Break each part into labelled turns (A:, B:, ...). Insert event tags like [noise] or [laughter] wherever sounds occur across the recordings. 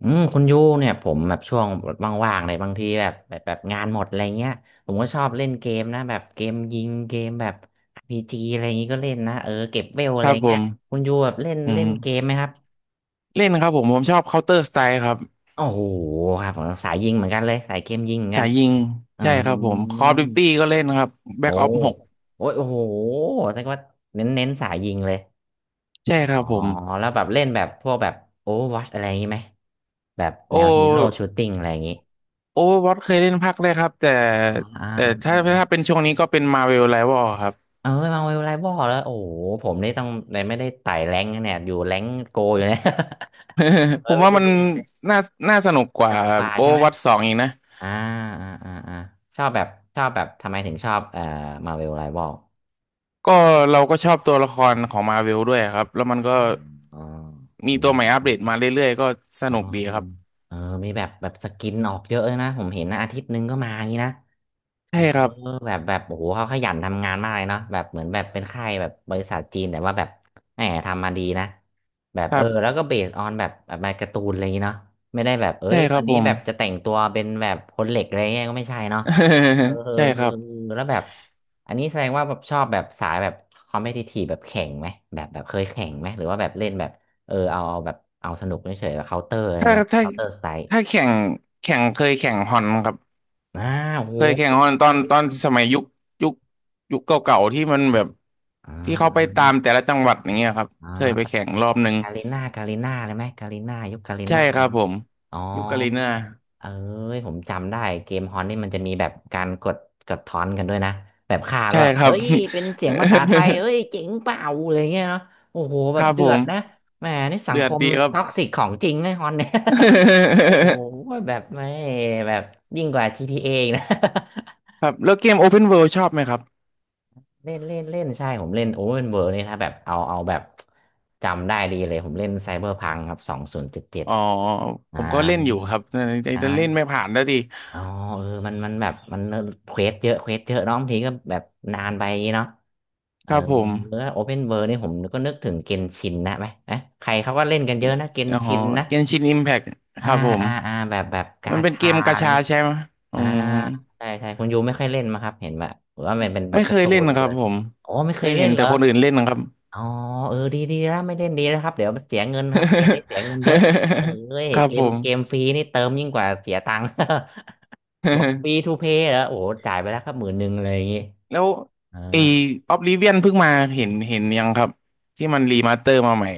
A: อืมคุณยูเนี่ยผมแบบช่วงว่างๆในบางทีแบบงานหมดอะไรเงี้ยผมก็ชอบเล่นเกมนะแบบเกมยิงเกมแบบอาร์พีจีอะไรอย่างงี้ก็เล่นนะเออเก็บเวล
B: ค
A: อะไร
B: รับผ
A: เงี้ย
B: ม
A: คุณยูแบบเล่น
B: อื
A: เล่นเก
B: ม
A: มไหมครับ
B: เล่นครับผมชอบ Counter Strike ครับ
A: โอ้โหครับผมสายยิงเหมือนกันเลยสายเกมยิงเหมือนกั
B: สา
A: น
B: ยยิง
A: อื
B: ใช่
A: ม
B: ครับผม Call of Duty ก็เล่นครับ
A: โอ้
B: Black Ops 6
A: โอ้ยโอ้โหแสดงว่าเน้นสายยิงเลย
B: ใช่ค
A: อ๋อ
B: รับผม
A: แล้วแบบเล่นแบบพวกแบบโอวอชอะไรอย่างงี้ไหมแบบ
B: โอ
A: แนวฮีโร่ชูตติ้งอะไรอย่างงี้
B: Overwatch เคยเล่นภาคแรกครับแต่
A: ออ่า
B: แต่
A: อ่า
B: ถ้าเป็นช่วงนี้ก็เป็น Marvel Rival ครับ
A: เออมาเวลไรบอลแล้วโอ้โหผมนี่ต้องเลยไม่ได้ไต่แรงค์นะเนี่ยอยู่แรงค์โกอยู่เนี่ย [laughs] เอ
B: [laughs] ผ
A: อ
B: ม
A: ไม่
B: ว่า
A: ได้
B: มัน
A: เล่นเลย
B: น่าน่าสนุกก
A: ส
B: ว่า
A: นุกกว่าใช่ไหม
B: Overwatch 2องอีกนะ
A: อ่าอ่าอ่าอ่าชอบแบบชอบแบบทำไมถึงชอบมาเวลไรบอล
B: ก็เราก็ชอบตัวละครของ Marvel ด้วยครับแล้วมันก็
A: อ๋ออ๋อ
B: มี
A: อื
B: ตั
A: ม
B: วใหม่อัป
A: อื
B: เด
A: ม
B: ตมาเรื่อยๆก็ส
A: อ๋อ
B: นุกดีครับ
A: เออมีแบบแบบสกินออกเยอะเลยนะผมเห็นนะอาทิตย์หนึงก็มาอย่างนี้นะ เอ
B: ใช่
A: อ
B: ครับ
A: แบบแบบโอ้โหเขาขยันทำงานมากเลยเนาะแบบเหมือนแบบเป็นค่ายแบบบริษัทจีนแต่ว่าแบบแหมทำมาดีนะแบบ
B: ค
A: เอ
B: รั
A: อ
B: บ
A: แล้วก็เบสออนแบบแบบมาการ์ตูนอะไรอย่างงี้เนาะไม่ได้แบบเอ้
B: ใช่
A: ย
B: ครั
A: วั
B: บ
A: น
B: ผ
A: นี้
B: ม
A: แบบจะแต่งตัวเป็นแบบคนเหล็กอะไรเงี้ยก็ไม่ใช่เนาะเออ
B: [laughs]
A: เออ
B: ใช่
A: เอ
B: ค
A: อ
B: รับ
A: แล้วแบบอันนี้แสดงว่าแบบชอบแบบสายแบบคอมเพทิทีฟแบบแข่งไหมแบบแบบเคยแข่งไหมหรือว่าแบบเล่นแบบเออเอาแบบเอาสนุกเฉยๆแบบเคาน์เตอร์อะไร
B: ถ้า
A: เงี้ย
B: ถ้า
A: เคาน์เตอร์สไตล์
B: ถ้าแข่งเคยแข่งฮอนครับ
A: อ่าโอ้โห
B: เคยแข่ง
A: ตี
B: ฮอนต
A: มัน
B: อน
A: ตี
B: ตอน
A: มัน
B: สมัยยุคยุคเก่าๆที่มันแบบ
A: อ่า
B: ที่เขา
A: อ่า
B: ไปตามแต่ละจังหวัดอย่างเงี้ยครับ
A: อ่า
B: เคยไปแข่งรอบหนึ่ง
A: กาลิน่ากาลิน่าเลยไหมกาลิน่ายุคกาลิ
B: ใช่
A: น่า
B: ค
A: เล
B: รั
A: ย
B: บ
A: ไหม
B: ผม
A: อ๋อ
B: ยุคกาลิน่า
A: เอ้ยผมจำได้เกมฮอนนี่มันจะมีแบบการกดกดทอนกันด้วยนะแบบฆ่าแล้
B: ใช่
A: วแบบ
B: ครั
A: เอ้
B: บ
A: ยเป็นเสียงภาษาไทยเอ้ยเจ๋งเปล่าอะไรเงี้ยเนาะโอ้โห
B: [laughs]
A: แบ
B: ค
A: บ
B: รับ
A: เดื
B: ผ
A: อด
B: ม
A: นะแหมนี่สัง
B: เดื
A: ค
B: อด
A: ม
B: ดีครับ
A: ท็อกซิกของจริงนะฮอนเนี่ย [laughs] โอ้โห
B: [laughs]
A: แบบไม่แบบยิ่งกว่าจีที a ออีกนะ
B: ครับแล้วเกม Open World ชอบไหมครับ
A: เล่นเล่นเล่นใช่ผมเล่นโอเวอร์เวิร์นี่ถ้าแบบเอาเอาแบบจำได้ดีเลยผมเล่นไซเบอร์พังครับสองศูนย์เจ็ดเจ็ด
B: อ๋อผ
A: อ่า
B: มก็เล่นอยู่ครับแต่เล่น
A: อ่า
B: ไม่ผ่านแล้วดี
A: อ๋อเออมันมันแบบมันเควสเยอะเน้องทีก็แบบนานไปอย่างงี้เนาะเอ
B: ค
A: อ
B: รับผม
A: โอเพนเวิร์นี่ผมก็นึกถึงเกนชินนะไหมนะใครเขาก็เล่นกันเยอะนะเกน
B: อ๋อ
A: ชินนะ
B: Genshin Impact ค
A: อ่า
B: รับผม
A: อ่าอ่าแบบแบบกา
B: มันเป็นเก
A: ชา
B: มกา
A: อะไร
B: ชาใช่ไหมอื
A: อ่า
B: ม
A: ใช่ใช่คุณยูไม่ค่อยเล่นมาครับเห็นแบบว่ามันเป็นแบ
B: ไม่
A: บ
B: เค
A: การ์
B: ย
A: ตู
B: เล่น
A: น
B: นะค
A: เกิ
B: รับ
A: น
B: ผม
A: อ๋อไม่
B: เค
A: เคย
B: ย
A: เล่
B: เห็
A: น
B: น
A: เหร
B: แต่
A: อ
B: คนอื่นเล่นนะครับ
A: อ๋อเออดีดีแล้วไม่เล่นดีแล้วครับเดี๋ยวเสียเงินครับเกมนี้เสียเงินเยอะเอ้ย
B: [laughs] ครับ
A: เก
B: ผ
A: ม
B: ม
A: เกมฟรีนี่เติมยิ่งกว่าเสียตังค์ [laughs] บอกฟรี
B: [laughs]
A: ทูเพย์แล้วโอ้โหจ่ายไปแล้วครับหมื่นหนึ่งอะไรอย่างงี้
B: แล้ว
A: เออ
B: ไอ้ออบลิเวียนเพิ่งมาเห็นยังครับที่มันรีมาสเตอร์มาใหม่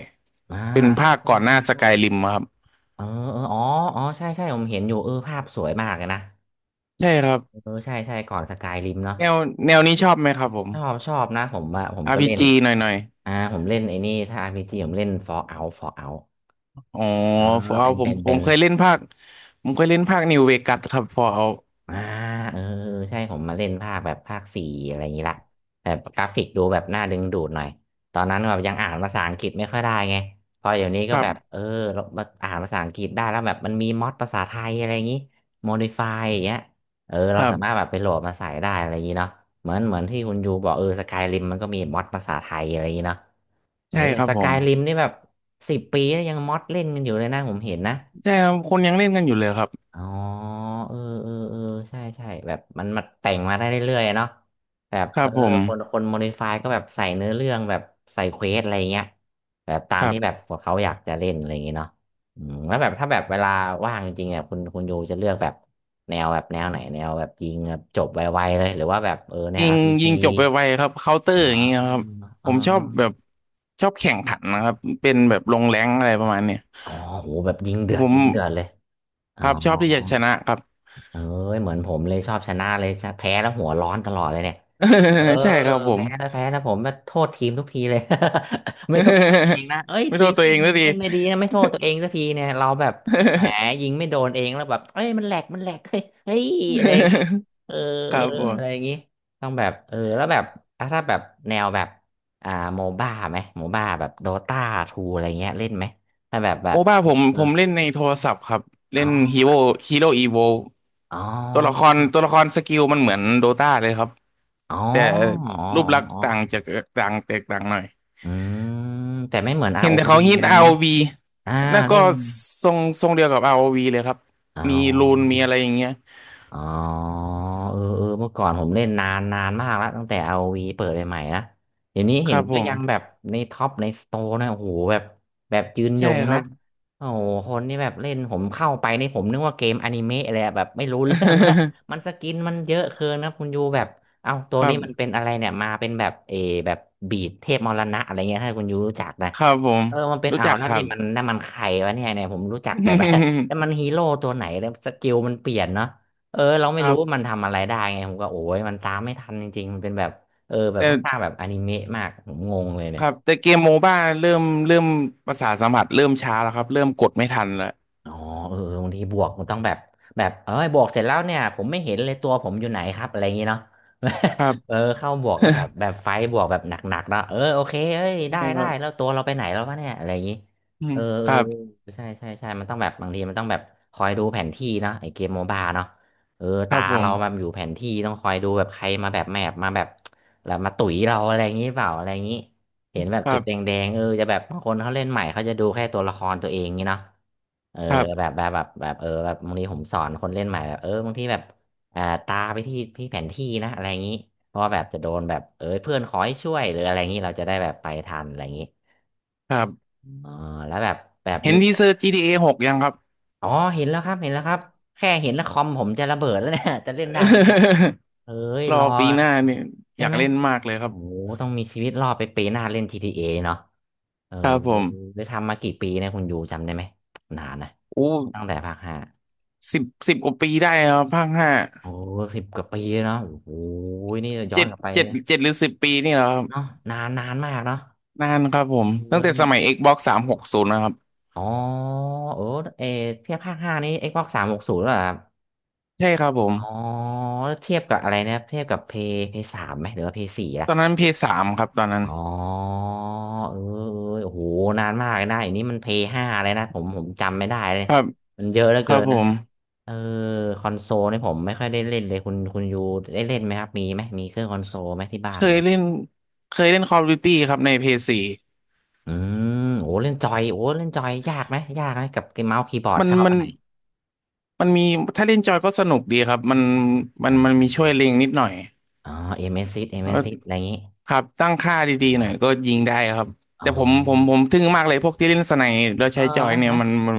A: อ่า
B: เป็นภาค
A: ใช่
B: ก่อนห
A: ใช่
B: น้าส
A: ใช่
B: กายริมครับ
A: เออเอออ๋ออ๋อใช่ใช่ผมเห็นอยู่เออภาพสวยมากเลยนะ
B: ใช่ครับ
A: เออใช่ใช่ก่อนสกายริมเนาะ
B: แนวแนวนี้ชอบไหมครับผม
A: ชอบนะผมอะผมก็เล่น
B: RPG หน่อยหน่อย
A: อ่าผมเล่นไอ้นี่ถ้าอาร์พีจ g ผมเล่น Fallout Fallout
B: อ๋อ
A: อ่า
B: ฟอร์เอา
A: เป็นเป็นเป็น
B: ผมเคยเล่นภาคนิวเวกัสครับฟอร์เอา
A: อ่าเออใช่ผมมาเล่นภาคแบบภาคสี่อะไรอย่างนี้ละแบบกราฟิกดูแบบน่าดึงดูดหน่อยตอนนั้นแบบยังอ่านภาษาอังกฤษไม่ค่อยได้ไงพอเดี๋ยวนี้
B: ค
A: ก็
B: รั
A: แบบเออ
B: บ
A: เราอ่านภาษาอังกฤษได้แล้วแบบมันมีม็อดภาษาไทยอะไรอย่างนี้ m o ด i f y อย่างเงี้ยเออ
B: ค
A: เรา
B: รั
A: สามารถ
B: บ
A: แบบไปโหลดมาใส่ได้อะไรอย่างนี้เนาะเหมือนที่คุณยูบอกเออสกายริมมันก็มีม็อดภาษาไทยอะไรอย่างนี้เนาะเออ
B: ใช่ครับ
A: ส
B: ผ
A: กา
B: ม
A: ยริมนี่แบบสิบปีแล้วยังม็อดเล่นกันอยู่เลยนะผมเห็นนะ
B: ใช่ครับคนยังเล่นกันอยู่เลยครับ
A: อ๋อเออเออเออใช่ใช่แบบมันมาแต่งมาได้เรื่อยๆเนาะแบบ
B: ค
A: เอ
B: รับ
A: อ
B: ผม
A: คนโมดิฟายก็แบบใส่เนื้อเรื่องแบบใส่เควสอะไรเงี้ยแบบตา
B: ค
A: ม
B: รั
A: ที่แบบ
B: บ
A: พวกเขาอยากจะเล่นอะไรอย่างเงี้ยเนาะอืมแล้วแบบถ้าแบบเวลาว่างจริงๆอ่ะคุณยูจะเลือกแบบแนวแบบแนวไหนแนวแบบยิงแบบจบไวๆเลยหรือว่าแบบเออแน
B: ยิ
A: ว
B: งยิ
A: RPG
B: งจบไวๆครับเคาน์เตอร์
A: เนาะ
B: อย่างเงี้ยครับผ
A: อ๋อ
B: มชอบแข่งขันนะครับเป็นแบบลงแรงอะไรประมาณเนี้ย
A: อ๋ออ๋อโหแบบยิงเดือ
B: ผ
A: ด
B: ม
A: ยิงเดือดเลยอ๋
B: ค
A: อ
B: รับชอบที่จะชนะครับ
A: เอ้ยเหมือนผมเลยชอบชนะเลยชะแพ้แล้วหัวร้อนตลอดเลยเนี่ย เออ
B: [laughs] ใช่ครับผม
A: แพ้นะแพ้นะผมมาโทษทีมทุกทีเลย [laughs] ไม่โทษตัวเอง
B: [laughs]
A: นะเอ้ย
B: ไม่
A: ที
B: โท
A: ม
B: ษตัว
A: แม่
B: เอ
A: ง
B: งสักที
A: เล่นไม่ดี
B: [laughs]
A: นะไม่โทษตัวเองสักทีเนี่ยเราแบบแหมยิงไม่โดนเองแล้วแบบเอ้ยมันแหลกมันแหลกเฮ้ยเฮ้ยอะไรอย่างงี้เออ
B: ครับผ
A: อะไรอย่าง
B: ม
A: งี้ต้องแบบเออแล้วแบบอ่ะถ้าแบบแนวแบบอ่าโมบ้าไหมโมบ้าแบบโดตาทูอะไรเงี้ยเล่นไหมถ้าแบบแบ
B: โอ
A: บ
B: บ้าผม
A: เออ
B: ผมเล่นในโทรศัพท์ครับเล่
A: อ๋
B: นฮี
A: อ
B: โร่ฮีโร่อีโว
A: อ๋
B: ตัวละค
A: อ
B: รตัวละครสกิลมันเหมือนโดตาเลยครับ
A: อ๋อ
B: แต่
A: อ๋อ
B: รูป
A: อ๋อ
B: ลักษณ์
A: อ
B: ต่าง
A: อ
B: จากต่างแตกต่างหน่อย
A: อืมแต่ไม่เหมือน
B: เห็นแต่
A: ROV อ
B: เขา
A: วี
B: ฮิ
A: อะ
B: ต
A: ไร
B: อา
A: เงี้
B: ร์
A: ย
B: โอ
A: เนาะ
B: วี
A: อ่า
B: นั่นก็
A: เล่น
B: ทรงเดียวกับ r o ีเลยครับ
A: อ๋
B: มีรูนมี
A: อ
B: อะไรอย่างเงี้ย
A: อ๋อเออเออเมื่อก่อนผมเล่นนานนานมากแล้วตั้งแต่ r o ีเปิดใหม่ๆนะเดี๋ยวนี้
B: ค
A: เห็น
B: รับผ
A: ก็
B: ม
A: ยังแบบในท็อปในสโตร์นะโอ้โหแบบแบบยืนย
B: ใช่
A: ง
B: ครั
A: นะ
B: บ
A: โอ้โหคนนี่แบบเล่นผมเข้าไปนี่ผมนึกว่าเกมอนิเมะเลยอะแบบไม่รู้เรื่องแล้ว
B: [laughs]
A: มันสกินมันเยอะเกินนะคุณยูแบบเอ้าตั
B: ค
A: ว
B: รั
A: นี้มันเป็น
B: บ
A: อะไรเนี่ยมาเป็นแบบเออแบบบีดเทพมรณะอะไรเงี้ยถ้าคุณยูรู้จักนะ
B: ครับผม
A: เออมันเป็น
B: รู้
A: เอา
B: จั
A: ว
B: ก
A: แล้
B: ค
A: ว
B: รั
A: นี่
B: บ
A: มันนั่นมันใครวะเนี่ยเนี่ยผมรู้จักแต่แบบ [laughs] แต่มั
B: [laughs]
A: นฮีโร่ตัวไหนแล้วสกิลมันเปลี่ยนเนาะ เออเรา
B: ค
A: ไม่
B: รั
A: รู้ว่ามั
B: บ
A: นทำอะไรได้ไงผมก็โอ้ยมันตามไม่ทันจริงๆมันเป็นแบบเออแบบ
B: แต่
A: ค่อนข้างแบบอนิเมะมากผมงงเลย
B: ค
A: เนี่ย
B: รับแต่เกมโมบ้าเริ่มเริ่มประสาทสัมผัสเริ่มช้าแล้วครับเริ่มกดไม่ทันแล้ว
A: อ๋อเออเออบางทีบวกมันต้องแบบแบบเอ้ยบวกเสร็จแล้วเนี่ยผมไม่เห็นเลยตัวผมอยู่ไหนครับอะไรอย่างงี้เนาะ
B: ครับ
A: [laughs] เออเข้าบวกแล้วแบ
B: [laughs]
A: บแบบไฟบวกแบบหนักๆเนาะเออโอเคเอ้ยได้
B: ใช่ค
A: ได้
B: รับ
A: แล้วตัวเราไปไหนแล้ววะเนี่ยอะไรอย่างงี้
B: อืม
A: เออเอ
B: ค
A: อ
B: รับ
A: เออใช่ใช่ใช่มันต้องแบบบางทีมันต้องแบบคอยดูแผนที่เนาะไอเกมโมบาเนาะเออ
B: ครั
A: ตา
B: บผม
A: เราแบบอยู่แผนที่ต้องคอยดูแบบใครมาแบบแมปมาแบบแล้วมาตุ๋ยเราอะไรอย่างงี้เปล่าอะไรอย่างงี้ เห็นแบบ
B: ครั
A: จุดแด
B: บ
A: งๆเออจะแบบบางคนเขาเล่นใหม่เขาจะดูแค่ตัวละครตัวเองงี้เนาะเออ
B: ครั
A: แบ
B: บ
A: บแบบแบบแบบเออแบบบางทีผมสอนคนเล่นใหม่แบบเออบางทีแบบอ่าตาไปที่ที่แผนที่นะอะไรอย่างนี้เพราะว่าแบบจะโดนแบบเออเพื่อนขอให้ช่วยหรืออะไรอย่างนี้เราจะได้แบบไปทันอะไรอย่างนี้
B: ครับ
A: อ๋อแล้วแบบแบบ
B: เห็
A: มี
B: นทีเซอร์ GTA 6ยังครับ
A: อ๋อเห็นแล้วครับเห็นแล้วครับแค่เห็นแล้วคอมผมจะระเบิดแล้วเนี่ย [laughs] จะเล่นได้ไหมเนี่ย
B: [laughs]
A: เอ้ย
B: รอ
A: รอ
B: ปีหน้าเนี่ยอ
A: ใช่
B: ยาก
A: ไหม
B: เล่นมากเลยครับ
A: โอ้โหต้องมีชีวิตรอดไปปีหน้าเล่นที t a เอเนาะเออ
B: ครับผม
A: ได้ทำมากี่ปีเนี่ยคุณอยู่จำได้ไหมนานนะ
B: โอ้
A: ตั้งแต่ภาคห้า
B: สิบกว่าปีได้ครับภาคห้า
A: โอ้สิบกว่าปีเนาะโอ้โหนี่ย้อ
B: เจ็
A: น
B: ด
A: กลับไป
B: เจ็ดเจ็ดหรือสิบปีนี่เหรอครับ
A: เนาะนานนานมากเนาะ
B: นานครับผ
A: เอ
B: มตั้งแต่ส
A: อ
B: มัย Xbox สามหกศูนย์นะครับ
A: อ๋อเออเออเทียบภาคห้านี้ Xbox สามหกศูนย์เหรอครับ
B: ใช่ครับผม
A: อ๋อแล้วเทียบกับอะไรนะครับเทียบกับเพย์สามไหมหรือว่าเพย์สี่อะ
B: ตอนนั้นพีเพยสามครับตอนนั้น
A: อ๋อเออเออโอ้โหนานมากเลยนะอย่างนี้มันเพย์ห้าเลยนะผมจำไม่ได้เลย
B: ครับ
A: มันเยอะเหลือ
B: ค
A: เกิ
B: รับ
A: น
B: ผ
A: นะ
B: ม
A: เออคอนโซลนี่ผมไม่ค่อยได้เล่นเลยคุณคุณยูได้เล่นไหมครับมีไหมมีเครื่องคอนโซลไหมที่บ้า
B: เค
A: นไห
B: ย
A: ม
B: เล่นเคยเล่น Call of Duty ครับในพีเพยสี่
A: อืมโอ้เล่นจอยโอ้เล่นจอยยากไหมยากไหมกับเมาส์คีย์บอร์ด
B: มัน
A: ชอบ
B: มั
A: อั
B: น
A: นไหน
B: มันมีถ้าเล่นจอยก็สนุกดีครับมันมั
A: อ่
B: นมัน
A: า
B: มีช่วยเล็งนิดหน่อย
A: อ๋อเอ็มเอสซิสเอ็ม
B: แล้
A: เอ
B: ว
A: ส
B: ก็
A: ซิสอะไรอย่างนี้
B: ครับตั้งค่า
A: อ
B: ดีๆหน่อยก็
A: ่า
B: ยิงได้ครับ
A: เอ
B: แต่ผมผม
A: อ
B: ผมทึ่งมากเลยพวกที่เล่นสไนแล้ว
A: เออ
B: ใช้จอ
A: ไห
B: ยเนี่ย
A: ม
B: มัน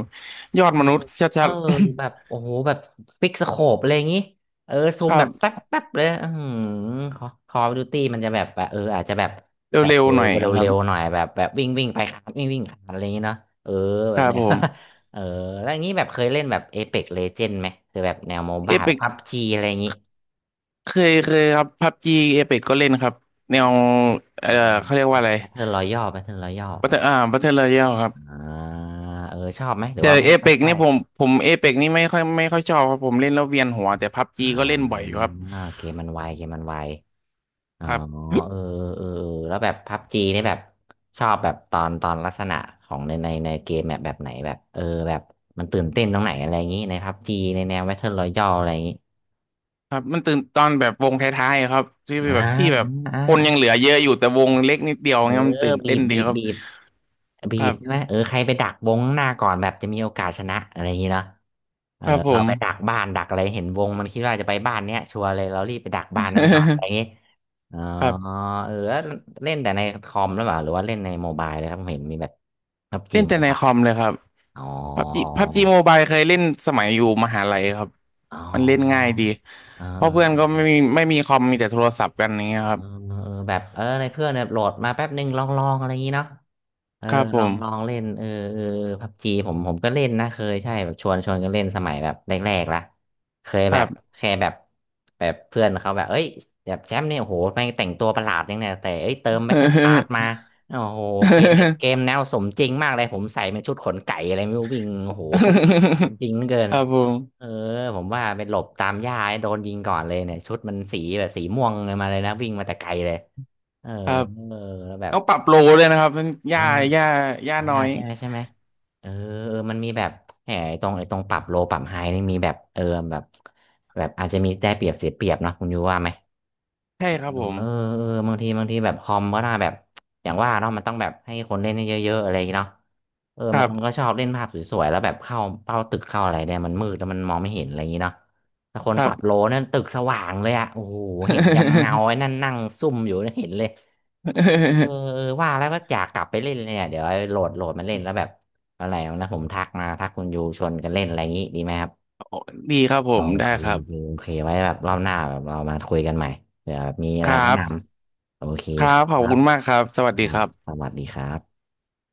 B: ยอดมนุษย์ช
A: เอ
B: ั
A: อ
B: ด
A: แบบ
B: ๆ
A: โอ้โหแบบฟิกสโคปอะไรอย่างงี้เออซู
B: ค
A: ม
B: รั
A: แบบแป๊บ
B: บ
A: แป๊บเลยอือหือคอคอดูตี้มันจะแบบแบบเอออาจจะแบบแบบ
B: เร็ว
A: ดู
B: ๆหน่อย
A: เ
B: ครั
A: ร็
B: บ
A: วๆหน่อยแบบแบบวิ่งวิ่งไปครับวิ่งวิ่งขาัอะไรอย่างงี้เนาะเออแบ
B: ค
A: บ
B: รับ
A: เนี้ย
B: ผม
A: [laughs] เออแล้วอย่างนี้แบบเคยเล่นแบบเอ e ป l กเลเจนไหมคือแบบแนวโม
B: เอ
A: บ้า
B: พิก
A: พับจีอะไรอย่างงี้
B: เคยครับพับจีเอพิกก็เล่นครับแน
A: อ่า
B: วเอ่อเขาเรียกว่าอะไร
A: แบทเทิลรอยัลแบทเทิลรอยัล
B: บัตเตอร์รอยัลครับ
A: อ่าเออชอบไหมหรือ
B: แต่
A: ว่าไม่
B: เอ
A: ไม่
B: พิก
A: ค่อ
B: นี่
A: ย
B: ผมผมเอพิกนี่ไม่ค่อยชอบครับผมเล่นแล้วเวียนหัวแต่พับ
A: อ่
B: จีก็เล่นบ่อยอ
A: า
B: ยู่ครับ
A: เกมมันไวเกมมันไว อ๋อ
B: ครับ
A: เออเออเออแล้วแบบพับจีนี่แบบชอบแบบตอนตอนลักษณะของในในในเกมแบบแบบไหนแบบเออแบบมันตื่นเต้นตรงไหนอะไรอย่างนี้ในพับจีในแนวแวทเทิลรอยัลอะไรอย่างนี้
B: ครับมันตื่นตอนแบบวงท้ายๆครับที่
A: นะ
B: แบบที่แบบ
A: อ่า
B: คนยังเห
A: อ่า
B: ลือเยอะอยู่แต่วงเล็กนิดเดียว
A: เออ
B: เงี้ยมันตื่น
A: บี
B: เต้น
A: บ
B: ดี
A: บีบ
B: ครับ
A: บีบบี
B: ครั
A: บ
B: บ
A: ใช่ไหมเออใครไปดักวงข้างหน้าก่อนแบบจะมีโอกาสชนะอะไรอย่างนี้เนาะเอ
B: ค
A: อ
B: รับผ
A: เรา
B: ม
A: ไปดักบ้านดักอะไรเห็นวงมันคิดว่าจะไปบ้านเนี้ยชัวร์เลยเรารีบไปดักบ้านนั้นก่อนอะไรอย่างนี้อ๋อ
B: [laughs] ครับ
A: เออแล้วเล่นแต่ในคอมหรือเปล่าหรือว่าเล่นในโมบายเลยครับผมเห็นมีแบบพับจี
B: เล่นแต่
A: โม
B: ใน
A: บาย
B: คอมเลยครับ
A: อ๋อ
B: พับจีโมบายเคยเล่นสมัยอยู่มหาลัยครับ
A: อ๋อ
B: มันเล่นง่ายดี
A: อ๋
B: เพราะเพื่อนก็
A: อ
B: ไม่มีคอมมีแต่โทรศัพท์กันอย่างเงี้ยค
A: เอ
B: รับ
A: อเออแบบเออในเพื่อนเนี่ยโหลดมาแป๊บนึงลองลองอะไรอย่างนี้เนาะเออ
B: ครับผ
A: ลอง
B: ม
A: ลองเล่นเออเออพับจีผมก็เล่นนะเคยใช่แบบชวนชวนกันเล่นสมัยแบบแรกๆละเคย
B: ค
A: แบ
B: รั
A: บ
B: บ
A: แค่แบบแบบเพื่อนเขาแบบเอ้ยแบบแชมป์เนี่ยโอ้โหแม่งแต่งตัวประหลาดยังเนี่ยแต่เอ้ยเติมแบทเทิลพาสมาโอ้โหเกมเนี่ยเก
B: [laughs]
A: มแนวสมจริงมากเลยผมใส่เป็นชุดขนไก่อะไรไม่รู้วิ่งโอ้โหจริงเหลือเกิ
B: ค
A: น
B: รับผ
A: เออ
B: ม
A: ผมว่าไปหลบตามหญ้าโดนยิงก่อนเลยเนี่ยชุดมันสีแบบสีม่วงเลยมาเลยนะวิ่งมาแต่ไกลเลยเออ
B: ครับ
A: เออแล้วแบบ
B: ต้องปรับโลเลยนะครับ
A: อ่า
B: ย่าย่าย่า
A: อ่า
B: น้อย
A: ใช่ไหมใช่ไหมเออเออมันมีแบบแหมไอ้ตรงไอ้ตรงปรับโลปรับไฮนี่มีแบบเออแบบแบบอาจจะมีได้เปรียบเสียเปรียบเนาะคุณยูว่าไหม
B: ใช่ครับ
A: เออ
B: ผม
A: เออบางทีบางทีแบบคอมก็น่าแบบอย่างว่าเนาะมันต้องแบบให้คนเล่นให้เยอะๆอะไรอย่างเงี้ยเนาะเออ
B: ค
A: บา
B: รั
A: งคนก็
B: บ
A: ชอบเล่นภาพสวยๆแล้วแบบเข้าเป้าตึกเข้าอะไรเนี่ยมันมืดแล้วมันมองไม่เห็นอะไรอย่างเงี้ยเนาะถ้าคน
B: ครั
A: ปรับโล
B: บ
A: นั่นตึกสว่างเลยอะโอ้โหเห็นยันเงาไอ้นั่นนั่งซุ่มอยู่นะเห็นเลยเออ
B: [laughs]
A: เออว่าแล้วก็อยากกลับไปเล่นเลยเนี่ยเดี๋ยวโหลดโหลดมาเล่นแล้วแบบอะไรนะผมทักมาทักคุณยูชวนกันเล่นอะไรอย่างงี้ดีไหมครับ
B: ดีครับผ
A: โอ
B: มได้
A: เค
B: ครั
A: โอเค
B: บ
A: โอเคไว้แบบรอบหน้าแบบเรามาคุยกันใหม่เผื่อแบบมีอะ
B: ค
A: ไร
B: รั
A: แนะน
B: บ
A: ำ โอเค
B: ครั
A: ค
B: บขอบ
A: รั
B: คุ
A: บ
B: ณมากครับสวัส
A: ค
B: ดี
A: รั
B: ค
A: บ
B: รั
A: ส
B: บ
A: วัสดีครับ